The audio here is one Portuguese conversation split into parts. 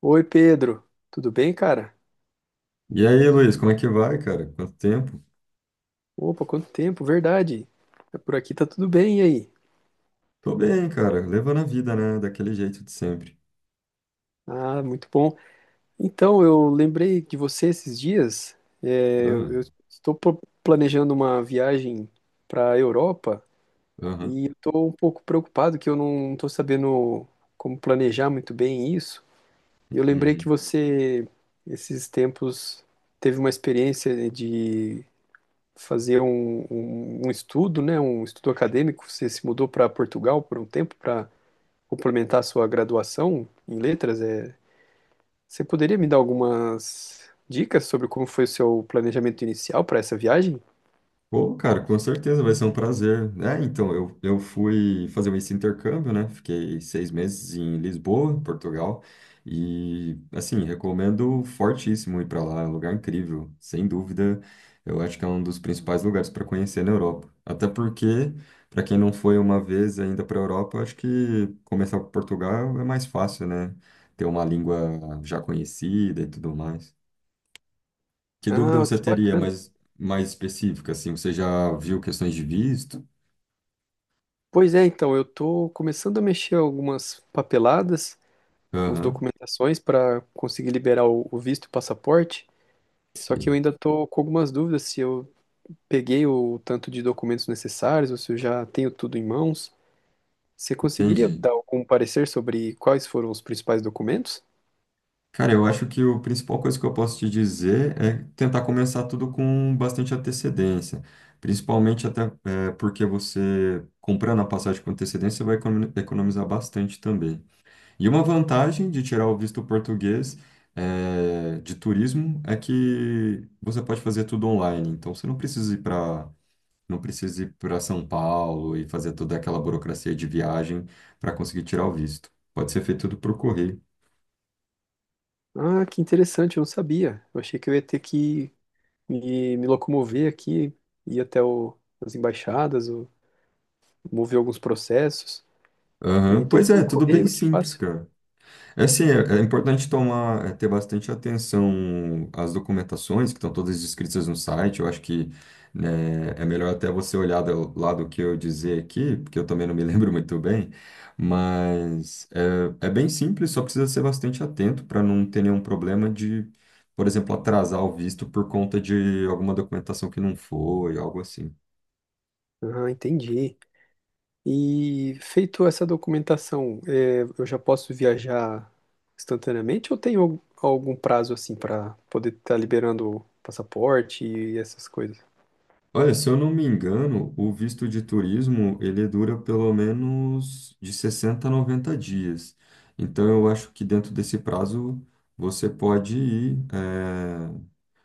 Oi, Pedro. Tudo bem, cara? E aí, Luiz, como é que vai, cara? Quanto tempo? Opa, quanto tempo, verdade. Tá Por aqui tá tudo bem, e aí? Tô bem, cara. Levando a vida, né? Daquele jeito de sempre. Ah, muito bom. Então, eu lembrei de você esses dias. É, Ah, eu eu planejando uma viagem para a Europa aham. e estou um pouco preocupado que eu não estou sabendo como planejar muito bem isso. E eu lembrei que Uhum. você, esses tempos, teve uma experiência de fazer um estudo, né, um estudo acadêmico. Você se mudou para Portugal por um tempo para complementar a sua graduação em letras. Você poderia me dar algumas dicas sobre como foi o seu planejamento inicial para essa viagem? Pô, cara, com certeza vai ser um prazer. É, então, eu fui fazer esse intercâmbio, né? Fiquei 6 meses em Lisboa, em Portugal. E, assim, recomendo fortíssimo ir para lá. É um lugar incrível, sem dúvida. Eu acho que é um dos principais lugares para conhecer na Europa. Até porque, para quem não foi uma vez ainda para a Europa, eu acho que começar por Portugal é mais fácil, né? Ter uma língua já conhecida e tudo mais. Que dúvida Ah, você que teria bacana. mais, mais específica, assim? Você já viu questões de visto? Pois é, então, eu estou começando a mexer algumas papeladas, umas Aham, documentações para conseguir liberar o visto e o passaporte. Só que eu sim, ainda estou com algumas dúvidas se eu peguei o tanto de documentos necessários ou se eu já tenho tudo em mãos. Você conseguiria entendi. dar algum parecer sobre quais foram os principais documentos? Cara, eu acho que a principal coisa que eu posso te dizer é tentar começar tudo com bastante antecedência. Principalmente até é, porque você, comprando a passagem com antecedência, você vai econo- economizar bastante também. E uma vantagem de tirar o visto português é, de turismo é que você pode fazer tudo online. Então, você não precisa ir para não precisa ir para São Paulo e fazer toda aquela burocracia de viagem para conseguir tirar o visto. Pode ser feito tudo por correio. Ah, que interessante, eu não sabia. Eu achei que eu ia ter que me locomover aqui, ir até as embaixadas, mover alguns processos, e Aham, tudo pois pelo é, tudo bem correio, que simples, fácil. cara. É, assim, é, é importante tomar, é, ter bastante atenção às documentações que estão todas descritas no site. Eu acho que, né, é melhor até você olhar do- lá do que eu dizer aqui, porque eu também não me lembro muito bem. Mas é, é bem simples, só precisa ser bastante atento para não ter nenhum problema de, por exemplo, atrasar o visto por conta de alguma documentação que não foi, algo assim. Ah, entendi. E feito essa documentação, é, eu já posso viajar instantaneamente ou tem algum prazo assim para poder estar liberando o passaporte e essas coisas? Olha, se eu não me engano, o visto de turismo, ele dura pelo menos de 60 a 90 dias. Então, eu acho que dentro desse prazo, você pode ir.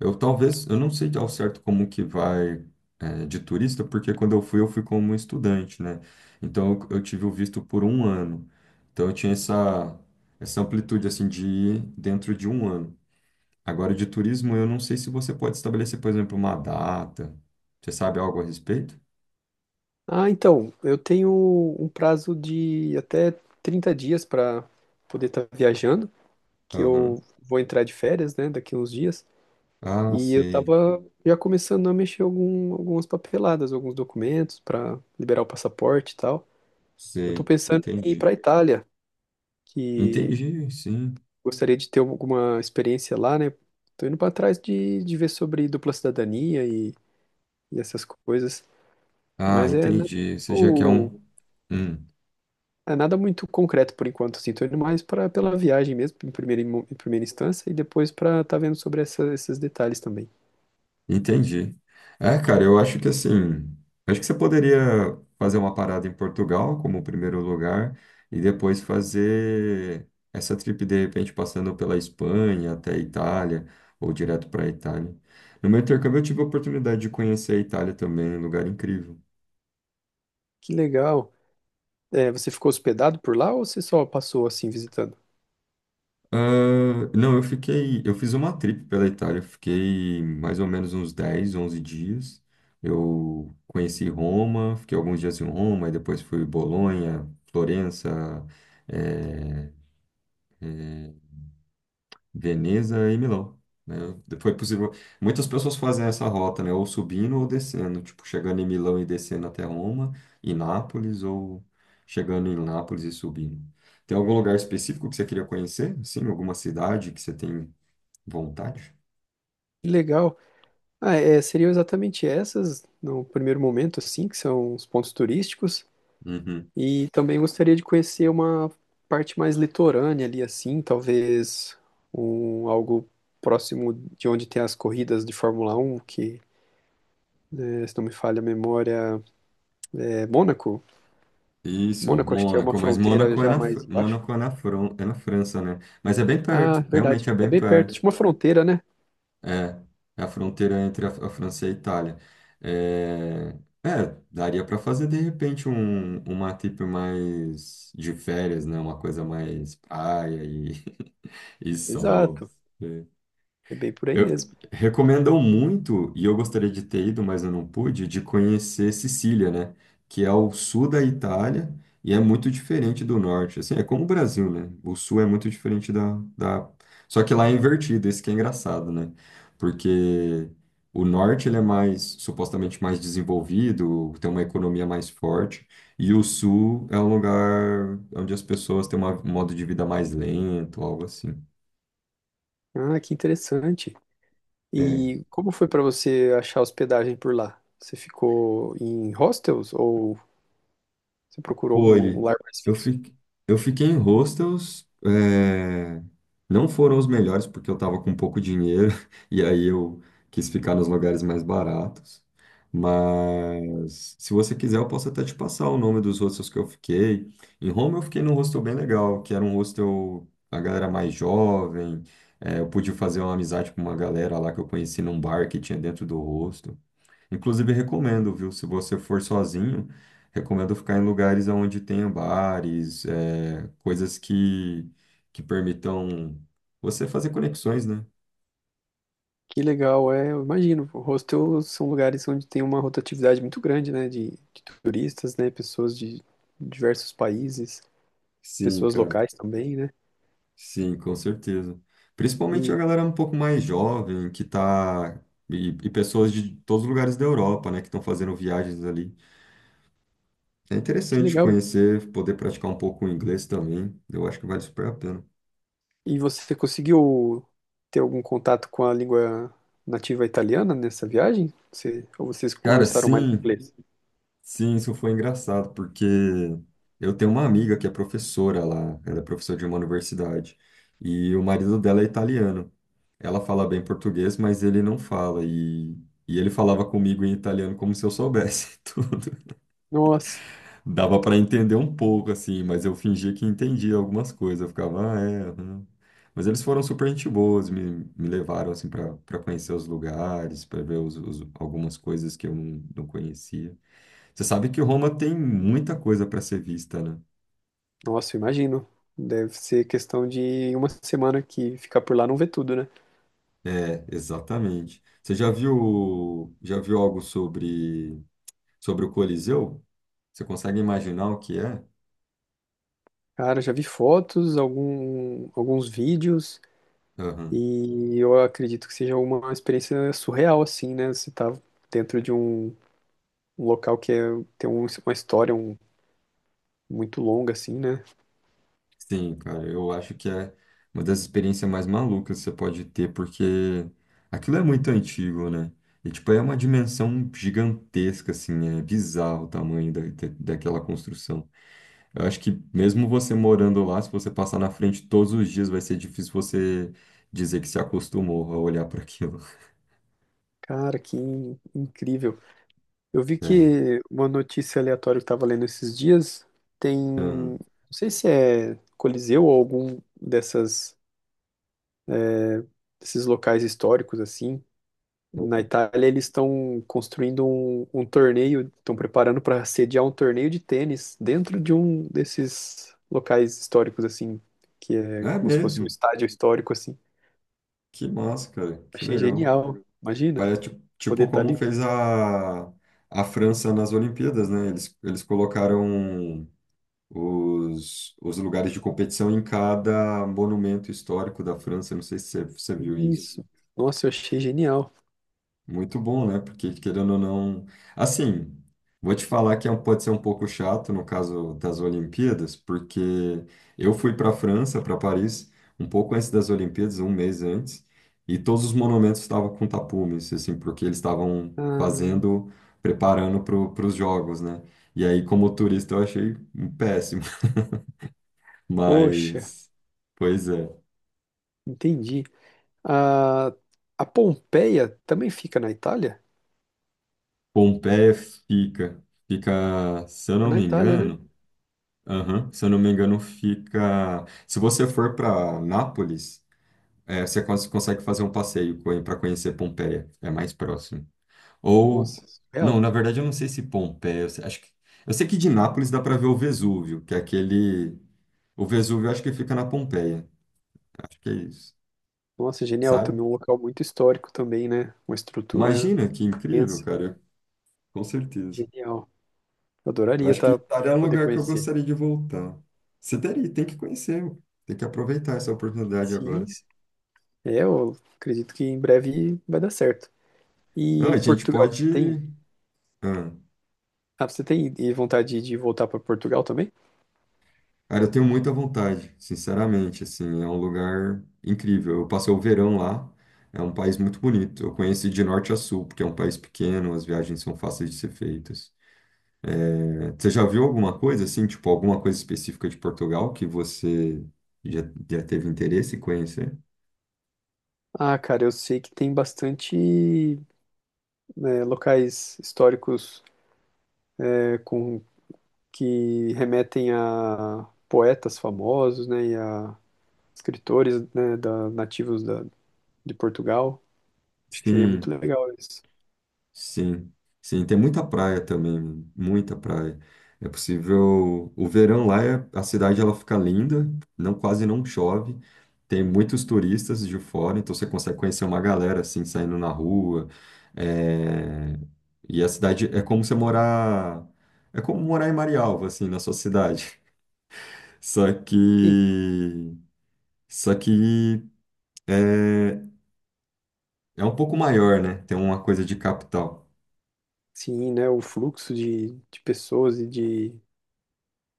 Eu talvez, eu não sei ao certo como que vai, de turista, porque quando eu fui como estudante, né? Então, eu tive o visto por um ano. Então, eu tinha essa, essa amplitude, assim, de ir dentro de um ano. Agora, de turismo, eu não sei se você pode estabelecer, por exemplo, uma data. Você sabe algo a respeito? Ah, então, eu tenho um prazo de até 30 dias para poder estar viajando, que Aham. eu vou entrar de férias, né, daqui uns dias, Ah, e eu sei, tava já começando a mexer algumas papeladas, alguns documentos para liberar o passaporte e tal. Eu tô sei. pensando em ir Entendi. para Itália, que Entendi, sim. gostaria de ter alguma experiência lá, né? Tô indo para trás de ver sobre dupla cidadania e essas coisas, Ah, mas é, né, entendi. Você já quer um. muito Hum. é nada muito concreto por enquanto, assim, tô indo mais para pela viagem mesmo, em primeira instância, e depois para tá vendo sobre esses detalhes também. Entendi. É, cara, eu acho que assim, acho que você poderia fazer uma parada em Portugal como primeiro lugar e depois fazer essa trip de repente passando pela Espanha até a Itália ou direto para a Itália. No meu intercâmbio eu tive a oportunidade de conhecer a Itália também, um lugar incrível. Que legal. É, você ficou hospedado por lá ou você só passou assim visitando? Ah, não, eu fiquei. Eu fiz uma trip pela Itália, fiquei mais ou menos uns 10, 11 dias. Eu conheci Roma, fiquei alguns dias em Roma, e depois fui Bolonha, Florença, eh, Veneza e Milão. Né? Foi possível. Muitas pessoas fazem essa rota, né? Ou subindo ou descendo, tipo, chegando em Milão e descendo até Roma, e Nápoles, ou chegando em Nápoles e subindo. Tem algum lugar específico que você queria conhecer? Sim, alguma cidade que você tem vontade? Que legal. Ah, é, seriam exatamente essas, no primeiro momento, assim, que são os pontos turísticos. Uhum. E também gostaria de conhecer uma parte mais litorânea ali, assim, talvez algo próximo de onde tem as corridas de Fórmula 1, que, se não me falha a memória, é Mônaco. Isso, Mônaco, acho que é uma Mônaco, mas fronteira Mônaco é já na, mais Fr- embaixo. Mônaco é na, Fran- é na França, né? Mas é bem Ah, perto, verdade. realmente é É bem bem perto de perto. uma fronteira, né? É, é a fronteira entre a França e a Itália. É, é, daria para fazer de repente um, uma trip mais de férias, né? Uma coisa mais praia e, e sol. Exato. É. É bem por aí Eu mesmo. recomendam muito, e eu gostaria de ter ido, mas eu não pude, de conhecer Sicília, né? Que é o sul da Itália e é muito diferente do norte. Assim, é como o Brasil, né? O sul é muito diferente da, da... Só que lá é invertido, isso que é engraçado, né? Porque o norte ele é mais, supostamente mais desenvolvido, tem uma economia mais forte, e o sul é um lugar onde as pessoas têm uma- um modo de vida mais lento, algo assim. Ah, que interessante. E como foi para você achar hospedagem por lá? Você ficou em hostels ou você procurou algum Foi. lugar mais Eu fixo? fiquei, eu fiquei em hostels, é, não foram os melhores porque eu estava com pouco dinheiro e aí eu quis ficar nos lugares mais baratos. Mas se você quiser, eu posso até te passar o nome dos hostels que eu fiquei. Em Roma, eu fiquei num hostel bem legal, que era um hostel a galera mais jovem. É, eu pude fazer uma amizade com uma galera lá que eu conheci num bar que tinha dentro do hostel. Inclusive, recomendo, viu? Se você for sozinho, recomendo ficar em lugares onde tenha bares, é, coisas que permitam você fazer conexões, né? Que legal, é, eu imagino. Hostels são lugares onde tem uma rotatividade muito grande, né, de turistas, né, pessoas de diversos países, Sim, pessoas cara. locais também, né? Sim, com certeza. Principalmente a E galera um pouco mais jovem, que tá. E pessoas de todos os lugares da Europa, né, que estão fazendo viagens ali. É que interessante legal. conhecer, poder praticar um pouco o inglês também. Eu acho que vale super a pena. E você conseguiu ter algum contato com a língua nativa italiana nessa viagem? Você, ou vocês Cara, conversaram mais sim. inglês? Sim, isso foi engraçado, porque eu tenho uma amiga que é professora lá, ela é professora de uma universidade, e o marido dela é italiano. Ela fala bem português, mas ele não fala, e ele falava comigo em italiano como se eu soubesse tudo. Nossa, Dava para entender um pouco, assim, mas eu fingia que entendia algumas coisas, eu ficava, ah, é, aham." Mas eles foram super gente boas, me levaram, assim, para conhecer os lugares, para ver os- algumas coisas que eu não, não conhecia. Você sabe que Roma tem muita coisa para ser vista, né? nossa, eu imagino. Deve ser questão de uma semana que ficar por lá não vê tudo, né? É, exatamente. Você já viu algo sobre, sobre o Coliseu? Você consegue imaginar o que é? Cara, já vi fotos, alguns vídeos. Aham. E eu acredito que seja uma experiência surreal, assim, né? Você tá dentro de um local tem uma história muito longa, assim, né? Sim, cara, eu acho que é uma das experiências mais malucas que você pode ter, porque aquilo é muito antigo, né? E, tipo, é uma dimensão gigantesca, assim, é bizarro o tamanho da, da- daquela construção. Eu acho que mesmo você morando lá, se você passar na frente todos os dias, vai ser difícil você dizer que se acostumou a olhar para aquilo. Cara, que incrível. Eu vi É. que uma notícia aleatória que eu tava lendo esses dias tem, não Aham. sei se é Coliseu ou algum dessas, desses locais históricos, assim, na Itália. Eles estão construindo um torneio, estão preparando para sediar um torneio de tênis dentro de um desses locais históricos, assim, que é É como se fosse um mesmo? estádio histórico, assim. Que massa, cara. Que Achei legal. genial, imagina, Parece ti- poder tipo estar como ali. fez a França nas Olimpíadas, né? Eles colocaram os lugares de competição em cada monumento histórico da França. Não sei se você, você viu isso. Isso, nossa, eu achei genial. Muito bom, né? Porque querendo ou não. Assim, vou te falar que é um- pode ser um pouco chato no caso das Olimpíadas, porque eu fui para a França, para Paris, um pouco antes das Olimpíadas, um mês antes, e todos os monumentos estavam com tapumes, assim, porque eles estavam Ah, fazendo, preparando para os jogos, né? E aí, como turista, eu achei um péssimo, poxa, mas. Pois é. entendi. A, a Pompeia também fica na Itália? Pompeia fica, fica, se eu É não na me Itália, né? engano. Aham. Se eu não me engano, fica. Se você for para Nápoles, é, você cons- consegue fazer um passeio para conhecer Pompeia. É mais próximo. Ou. Nossa, Não, real. na verdade, eu não sei se Pompeia. Eu sei- acho que... eu sei que de Nápoles dá para ver o Vesúvio, que é aquele. O Vesúvio eu acho que fica na Pompeia. Acho que é isso. Nossa, genial também, Sabe? um local muito histórico também, né? Uma estrutura Imagina que incrível, imensa. cara. Com certeza. Genial. Eu Eu adoraria acho que tá, Itália é um poder lugar que eu conhecer. gostaria de voltar. Você teria, tem que conhecer. Tem que aproveitar essa oportunidade Sim, agora. é, eu acredito que em breve vai dar certo. Não, a E gente Portugal, você tem? pode. Ah, Ah, você tem vontade de voltar para Portugal também? cara, eu tenho muita vontade, sinceramente. Assim, é um lugar incrível. Eu passei o verão lá. É um país muito bonito. Eu conheci de norte a sul, porque é um país pequeno, as viagens são fáceis de ser feitas. É, você já viu alguma coisa assim, tipo alguma coisa específica de Portugal que você já, já teve interesse em conhecer? Ah, cara, eu sei que tem bastante, né, locais históricos, é, com que remetem a poetas famosos, né, e a escritores, né, da, nativos da, de Portugal. Acho que seria muito Sim. legal isso. Sim, sim, tem muita praia também, muita praia. É possível, o verão lá é- a cidade ela fica linda, não quase não chove. Tem muitos turistas de fora, então você consegue conhecer uma galera assim saindo na rua. É, e a cidade é como você morar, é como morar em Marialva assim na sua cidade. Só Sim, que, só que é, é um pouco maior, né? Tem uma coisa de capital. sim, né, o fluxo de pessoas e de,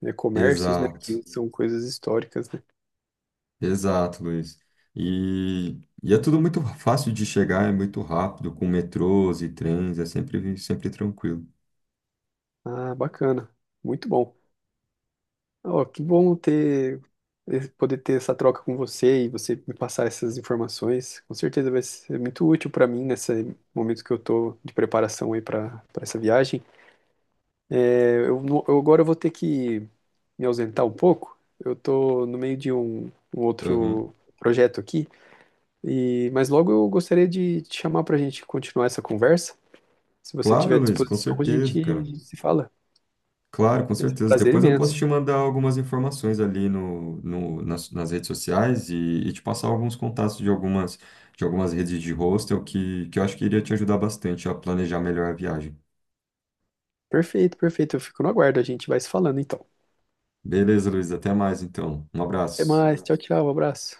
né, comércios, né, Exato. que são coisas históricas, né? Exato, Luiz. E, e é tudo muito fácil de chegar, é muito rápido, com metrôs e trens, é sempre, sempre tranquilo. Ah, bacana, muito bom. Ó, que bom ter, poder ter essa troca com você e você me passar essas informações. Com certeza vai ser muito útil para mim nesse momento que eu tô de preparação aí para para essa viagem. É, eu eu agora vou ter que me ausentar um pouco. Eu tô no meio de um Aham. outro projeto aqui e mas logo eu gostaria de te chamar para a gente continuar essa conversa. Se você tiver Claro, Luiz, com disposição, a certeza, cara. gente se fala. Claro, com Vai ser um certeza. prazer Depois eu posso imenso. te mandar algumas informações ali no, no, nas, nas redes sociais e te passar alguns contatos de algumas redes de hostel que eu acho que iria te ajudar bastante a planejar melhor a viagem. Perfeito, perfeito. Eu fico no aguardo. A gente vai se falando então. Beleza, Luiz, até mais então. Um Até abraço. mais. Tchau, tchau. Um abraço.